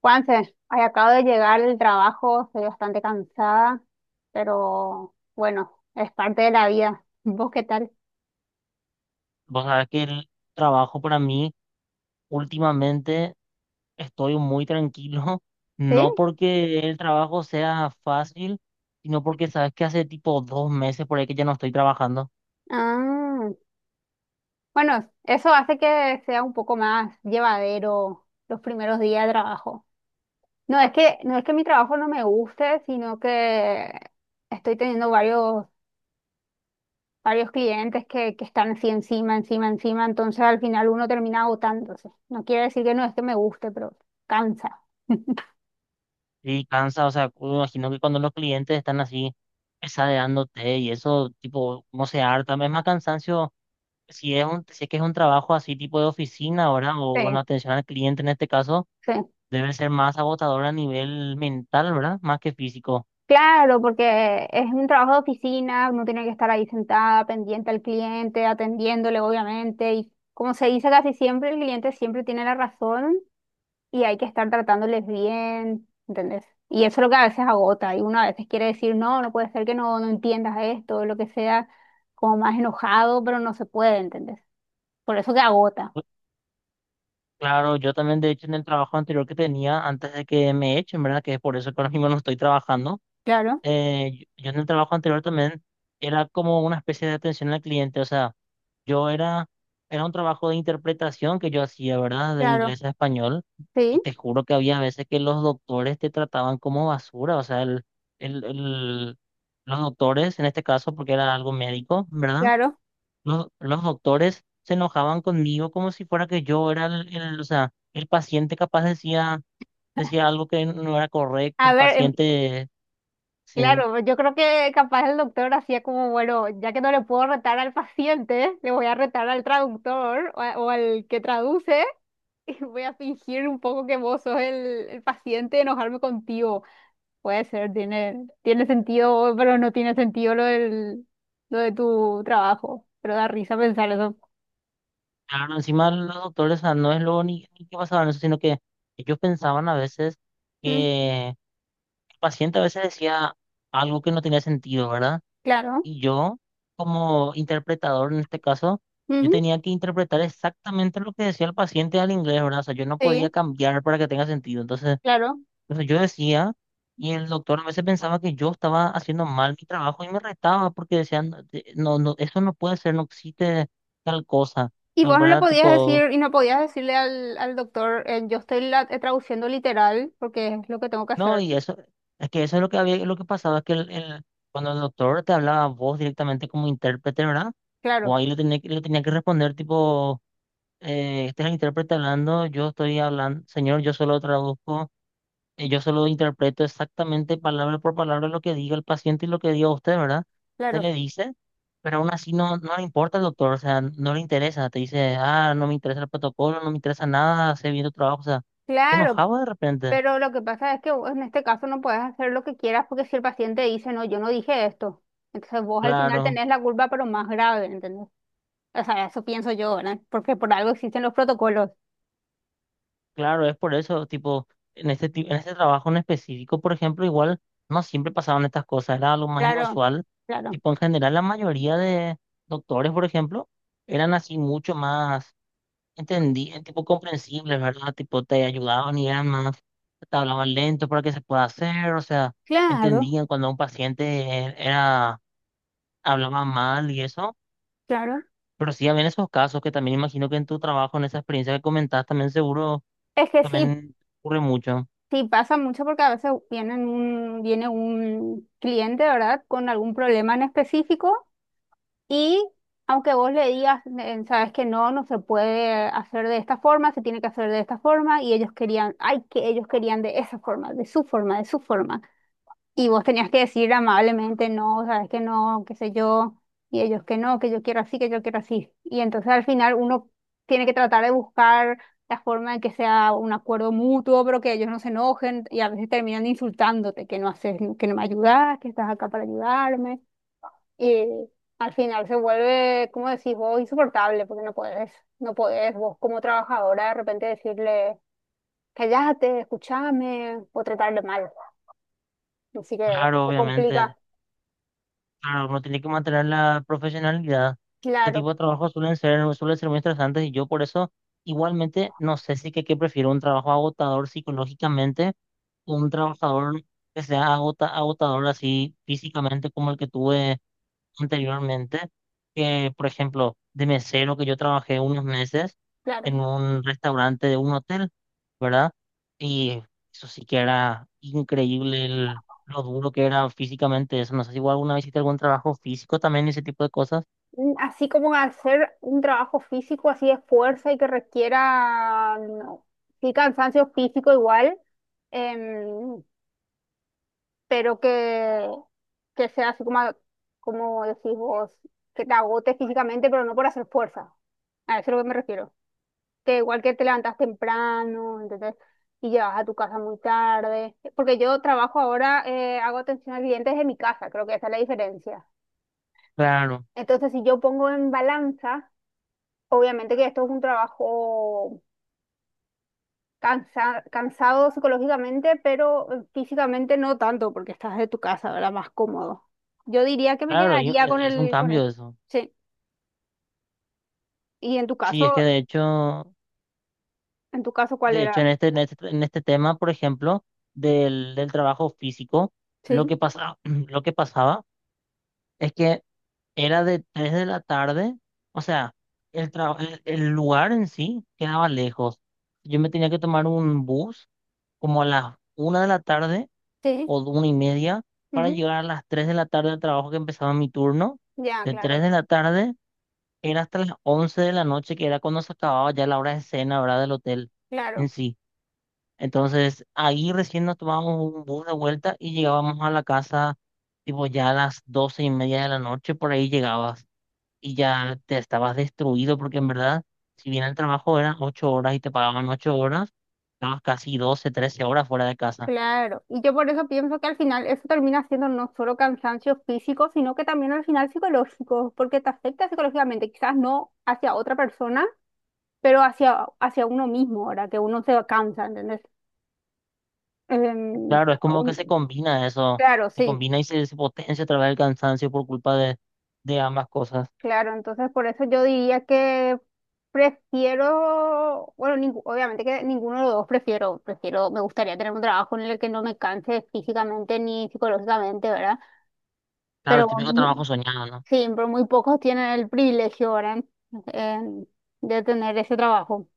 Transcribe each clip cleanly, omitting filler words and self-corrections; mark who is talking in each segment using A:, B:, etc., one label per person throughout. A: Juanse, ay, acabo de llegar del trabajo, estoy bastante cansada, pero bueno, es parte de la vida. ¿Vos qué tal?
B: Vos sabés que el trabajo para mí últimamente estoy muy tranquilo,
A: ¿Sí?
B: no porque el trabajo sea fácil, sino porque sabes que hace tipo 2 meses por ahí que ya no estoy trabajando
A: Ah, bueno, eso hace que sea un poco más llevadero los primeros días de trabajo. No es que mi trabajo no me guste, sino que estoy teniendo varios clientes que están así encima, entonces al final uno termina agotándose. No quiere decir que no es que me guste, pero cansa.
B: y cansa. O sea, me imagino que cuando los clientes están así pesadeándote y eso tipo, no se harta, es más cansancio si es que es un trabajo así tipo de oficina, ¿verdad? O bueno,
A: Sí,
B: atención al cliente en este caso,
A: sí.
B: debe ser más agotador a nivel mental, ¿verdad? Más que físico.
A: Claro, porque es un trabajo de oficina, uno tiene que estar ahí sentada, pendiente al cliente, atendiéndole, obviamente, y como se dice casi siempre, el cliente siempre tiene la razón y hay que estar tratándoles bien, ¿entendés? Y eso es lo que a veces agota, y uno a veces quiere decir, no, no puede ser que no entiendas esto, lo que sea, como más enojado, pero no se puede, ¿entendés? Por eso que agota.
B: Claro, yo también, de hecho, en el trabajo anterior que tenía, antes de que me echen, ¿verdad? Que es por eso que ahora mismo no estoy trabajando.
A: Claro,
B: Yo en el trabajo anterior también era como una especie de atención al cliente. O sea, yo era un trabajo de interpretación que yo hacía, ¿verdad? De
A: claro,
B: inglés a español. Y
A: sí,
B: te juro que había veces que los doctores te trataban como basura. O sea, el, el- los doctores, en este caso, porque era algo médico, ¿verdad?
A: claro.
B: Los doctores se enojaban conmigo como si fuera que yo era o sea, el paciente capaz decía algo que no era correcto,
A: A
B: el
A: ver,
B: paciente, sí.
A: claro, yo creo que capaz el doctor hacía como, bueno, ya que no le puedo retar al paciente, le voy a retar al traductor o, a- o al que traduce y voy a fingir un poco que vos sos el paciente y enojarme contigo. Puede ser, tiene, tiene sentido, pero no tiene sentido lo de tu trabajo. Pero da risa pensar eso.
B: Claro, encima los doctores, o sea, no es lo ni que pasaban eso, sino que ellos pensaban a veces
A: Mm,
B: que el paciente a veces decía algo que no tenía sentido, ¿verdad?
A: claro,
B: Y yo, como interpretador en este caso, yo
A: ujú,
B: tenía que interpretar exactamente lo que decía el paciente al inglés, ¿verdad? O sea, yo no podía
A: sí,
B: cambiar para que tenga sentido. Entonces,
A: claro.
B: o sea yo decía, y el doctor a veces pensaba que yo estaba haciendo mal mi trabajo y me retaba porque decían, no, no, no, eso no puede ser, no existe tal cosa,
A: Y vos no le
B: ¿verdad?
A: podías
B: Tipo,
A: decir, y no podías decirle al doctor, yo estoy la- traduciendo literal porque es lo que tengo que
B: no,
A: hacer.
B: y eso, es que eso es lo que había, lo que pasaba, es que cuando el doctor te hablaba a vos directamente como intérprete, ¿verdad?
A: Claro,
B: Vos ahí le tenía, le tenía que responder tipo, este es el intérprete hablando, yo estoy hablando, señor, yo solo traduzco, yo solo interpreto exactamente palabra por palabra lo que diga el paciente y lo que diga usted, ¿verdad? Usted
A: claro,
B: le dice. Pero aún así no, no le importa el doctor, o sea, no le interesa. Te dice, ah, no me interesa el protocolo, no me interesa nada, hace bien tu trabajo. O sea, te
A: claro,
B: enojaba de repente.
A: pero lo que pasa es que vos en este caso no puedes hacer lo que quieras porque si el paciente dice, no, yo no dije esto, entonces vos al final
B: Claro,
A: tenés la culpa, pero más grave, ¿entendés? O sea, eso pienso yo, ¿verdad? Porque por algo existen los protocolos.
B: claro, es por eso, tipo, en este trabajo en específico, por ejemplo, igual no siempre pasaban estas cosas, era algo más
A: Claro,
B: inusual.
A: claro,
B: Tipo, en general, la mayoría de doctores, por ejemplo, eran así mucho más. Entendí, el tipo comprensible, ¿verdad? Tipo, te ayudaban y además te hablaban lento para que se pueda hacer, o sea,
A: claro,
B: entendían cuando un paciente hablaba mal y eso,
A: claro.
B: pero sí habían esos casos que también imagino que en tu trabajo, en esa experiencia que comentaste, también seguro,
A: Es que sí,
B: también ocurre mucho.
A: sí pasa mucho porque a veces viene un cliente, ¿verdad? Con algún problema en específico. Y aunque vos le digas, sabes que no, no se puede hacer de esta forma, se tiene que hacer de esta forma, y ellos querían, ay, que ellos querían de esa forma, de su forma, de su forma. Y vos tenías que decir amablemente, no, sabes que no, qué sé yo, y ellos que no, que yo quiero así, que yo quiero así. Y entonces al final uno tiene que tratar de buscar la forma en que sea un acuerdo mutuo, pero que ellos no se enojen y a veces terminan insultándote, que no haces, que no me ayudas, que estás acá para ayudarme. Y al final se vuelve, como decís vos, insoportable, porque no podés vos como trabajadora de repente decirle, callate, escúchame, o tratarle mal. Así que
B: Claro,
A: se
B: obviamente,
A: complica,
B: claro, uno tiene que mantener la profesionalidad. Este
A: claro,
B: tipo de trabajos suelen ser muy estresantes y yo por eso igualmente no sé si que prefiero un trabajo agotador psicológicamente un trabajador que sea agotador así físicamente como el que tuve anteriormente, que por ejemplo de mesero que yo trabajé unos meses
A: claro.
B: en un restaurante de un hotel, ¿verdad? Y eso sí que era increíble lo duro que era físicamente eso. No sé si vos alguna vez hiciste algún trabajo físico también, ese tipo de cosas.
A: Mm, así como hacer un trabajo físico así de fuerza y que requiera, no, sí, cansancio físico igual, em, pero que sea así como, como decís vos, que te agote físicamente, pero no por hacer fuerza. A eso es a lo que me refiero. Que igual que te levantas temprano, entonces, y llegas a tu casa muy tarde, porque yo trabajo ahora, hago atención al cliente desde mi casa, creo que esa es la diferencia.
B: Claro,
A: Entonces, si yo pongo en balanza, obviamente que esto es un trabajo cansa- cansado psicológicamente, pero físicamente no tanto, porque estás de tu casa, ¿verdad? Más cómodo. Yo diría que me
B: claro, y es,
A: quedaría con
B: es un
A: con el,
B: cambio eso.
A: sí. Y
B: Sí, es que de hecho...
A: en tu caso, ¿cuál
B: De hecho,
A: era?
B: en este tema, por ejemplo, del trabajo físico,
A: Sí,
B: lo que pasaba es que era de 3 de la tarde, o sea, el lugar en sí quedaba lejos. Yo me tenía que tomar un bus como a las 1 de la tarde
A: sí.
B: o de 1:30 para
A: Ujú,
B: llegar a las 3 de la tarde al trabajo que empezaba mi turno.
A: ya,
B: De
A: claro,
B: 3 de la tarde era hasta las 11 de la noche, que era cuando se acababa ya la hora de cena, ¿verdad? Del hotel
A: claro.
B: en sí. Entonces, ahí recién nos tomábamos un bus de vuelta y llegábamos a la casa, tipo ya a las 12:30 de la noche, por ahí llegabas y ya te estabas destruido, porque en verdad, si bien el trabajo eran 8 horas y te pagaban 8 horas, estabas casi 12, 13 horas fuera de casa.
A: Claro, y yo por eso pienso que al final eso termina siendo no solo cansancio físico, sino que también al final psicológico, porque te afecta psicológicamente, quizás no hacia otra persona, pero hacia uno mismo, ahora que uno se cansa, ¿entendés? Em,
B: Claro, es como que se
A: un-
B: combina eso,
A: claro,
B: se
A: sí,
B: combina y se potencia a través del cansancio por culpa de ambas cosas.
A: claro, entonces por eso yo diría que prefiero, bueno, ningú- obviamente que ninguno de los dos prefiero, prefiero, me gustaría tener un trabajo en el que no me canse físicamente ni psicológicamente, ¿verdad?
B: Claro,
A: Pero
B: el típico trabajo soñado, ¿no?
A: sí, pero muy pocos tienen el privilegio ahora en- de tener ese trabajo.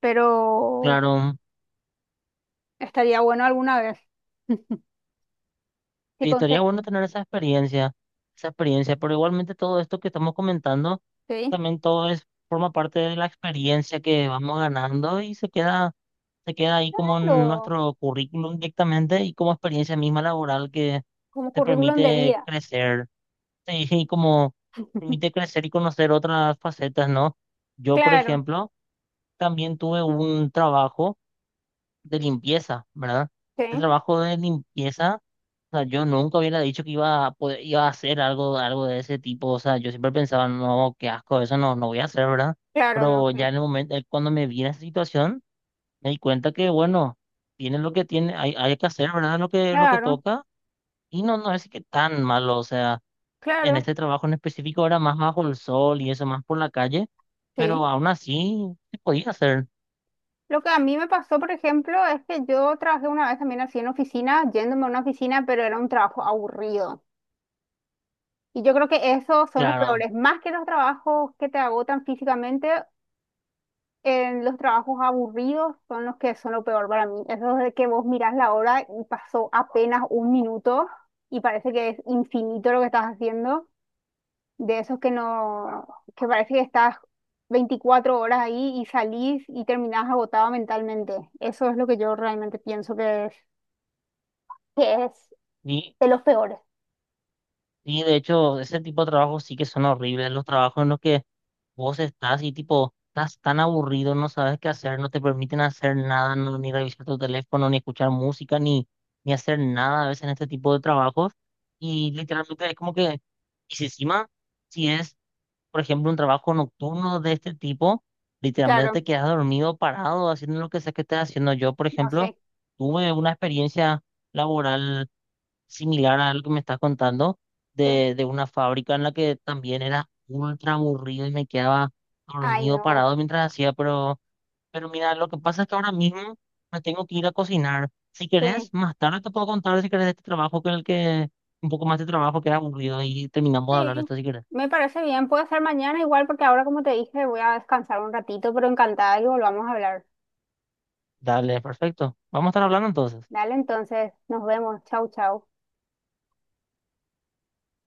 A: Pero
B: Claro.
A: estaría bueno alguna vez, si
B: Sí, estaría bueno
A: conseguís,
B: tener esa experiencia, pero igualmente todo esto que estamos comentando,
A: ¿sí?
B: también todo es, forma parte de la experiencia que vamos ganando y se queda ahí como en
A: Claro,
B: nuestro currículum directamente y como experiencia misma laboral que
A: como
B: te
A: currículum de
B: permite
A: vida.
B: crecer, sí, y como permite crecer y conocer otras facetas, ¿no? Yo, por
A: Claro,
B: ejemplo, también tuve un trabajo de limpieza, ¿verdad?
A: sí,
B: El trabajo de limpieza, o sea, yo nunca hubiera dicho que iba a iba a hacer algo de ese tipo. O sea, yo siempre pensaba, no, qué asco, eso no, no voy a hacer, ¿verdad?
A: claro, no
B: Pero ya
A: sé.
B: en el momento, cuando me vi en esa situación, me di cuenta que, bueno, tiene lo que tiene, hay que hacer, ¿verdad? Lo que
A: Claro,
B: toca. Y no, no es que tan malo. O sea, en
A: claro,
B: este trabajo en específico era más bajo el sol y eso, más por la calle.
A: sí.
B: Pero aún así, se podía hacer,
A: Lo que a mí me pasó, por ejemplo, es que yo trabajé una vez también así en oficina, yéndome a una oficina, pero era un trabajo aburrido. Y yo creo que esos son los
B: claro.
A: peores, más que los trabajos que te agotan físicamente. Los trabajos aburridos son los que son lo peor para mí. Eso de que vos mirás la hora y pasó apenas un minuto y parece que es infinito lo que estás haciendo. De esos que no, que parece que estás 24 horas ahí y salís y terminás agotado mentalmente. Eso es lo que yo realmente pienso que es
B: Y,
A: de los peores.
B: y de hecho, ese tipo de trabajos sí que son horribles, los trabajos en los que vos estás así, tipo, estás tan aburrido, no sabes qué hacer, no te permiten hacer nada, no, ni revisar tu teléfono, ni escuchar música, ni hacer nada a veces en este tipo de trabajos. Y literalmente es como que, y si encima, si es, por ejemplo, un trabajo nocturno de este tipo, literalmente
A: Claro,
B: te quedas dormido, parado, haciendo lo que sea que estés haciendo. Yo, por
A: no
B: ejemplo,
A: sé.
B: tuve una experiencia laboral similar a lo que me estás contando
A: Sí.
B: de una fábrica en la que también era ultra aburrido y me quedaba
A: Ay,
B: dormido
A: no.
B: parado mientras hacía, pero mira, lo que pasa es que ahora mismo me tengo que ir a cocinar. Si
A: Sí.
B: querés, más tarde te puedo contar si querés de este trabajo un poco más de trabajo que era aburrido y terminamos de hablar de
A: Sí,
B: esto si querés.
A: me parece bien. Puede ser mañana igual porque ahora, como te dije, voy a descansar un ratito, pero encantada que volvamos a hablar.
B: Dale, perfecto. Vamos a estar hablando entonces.
A: Dale, entonces, nos vemos. Chau, chau.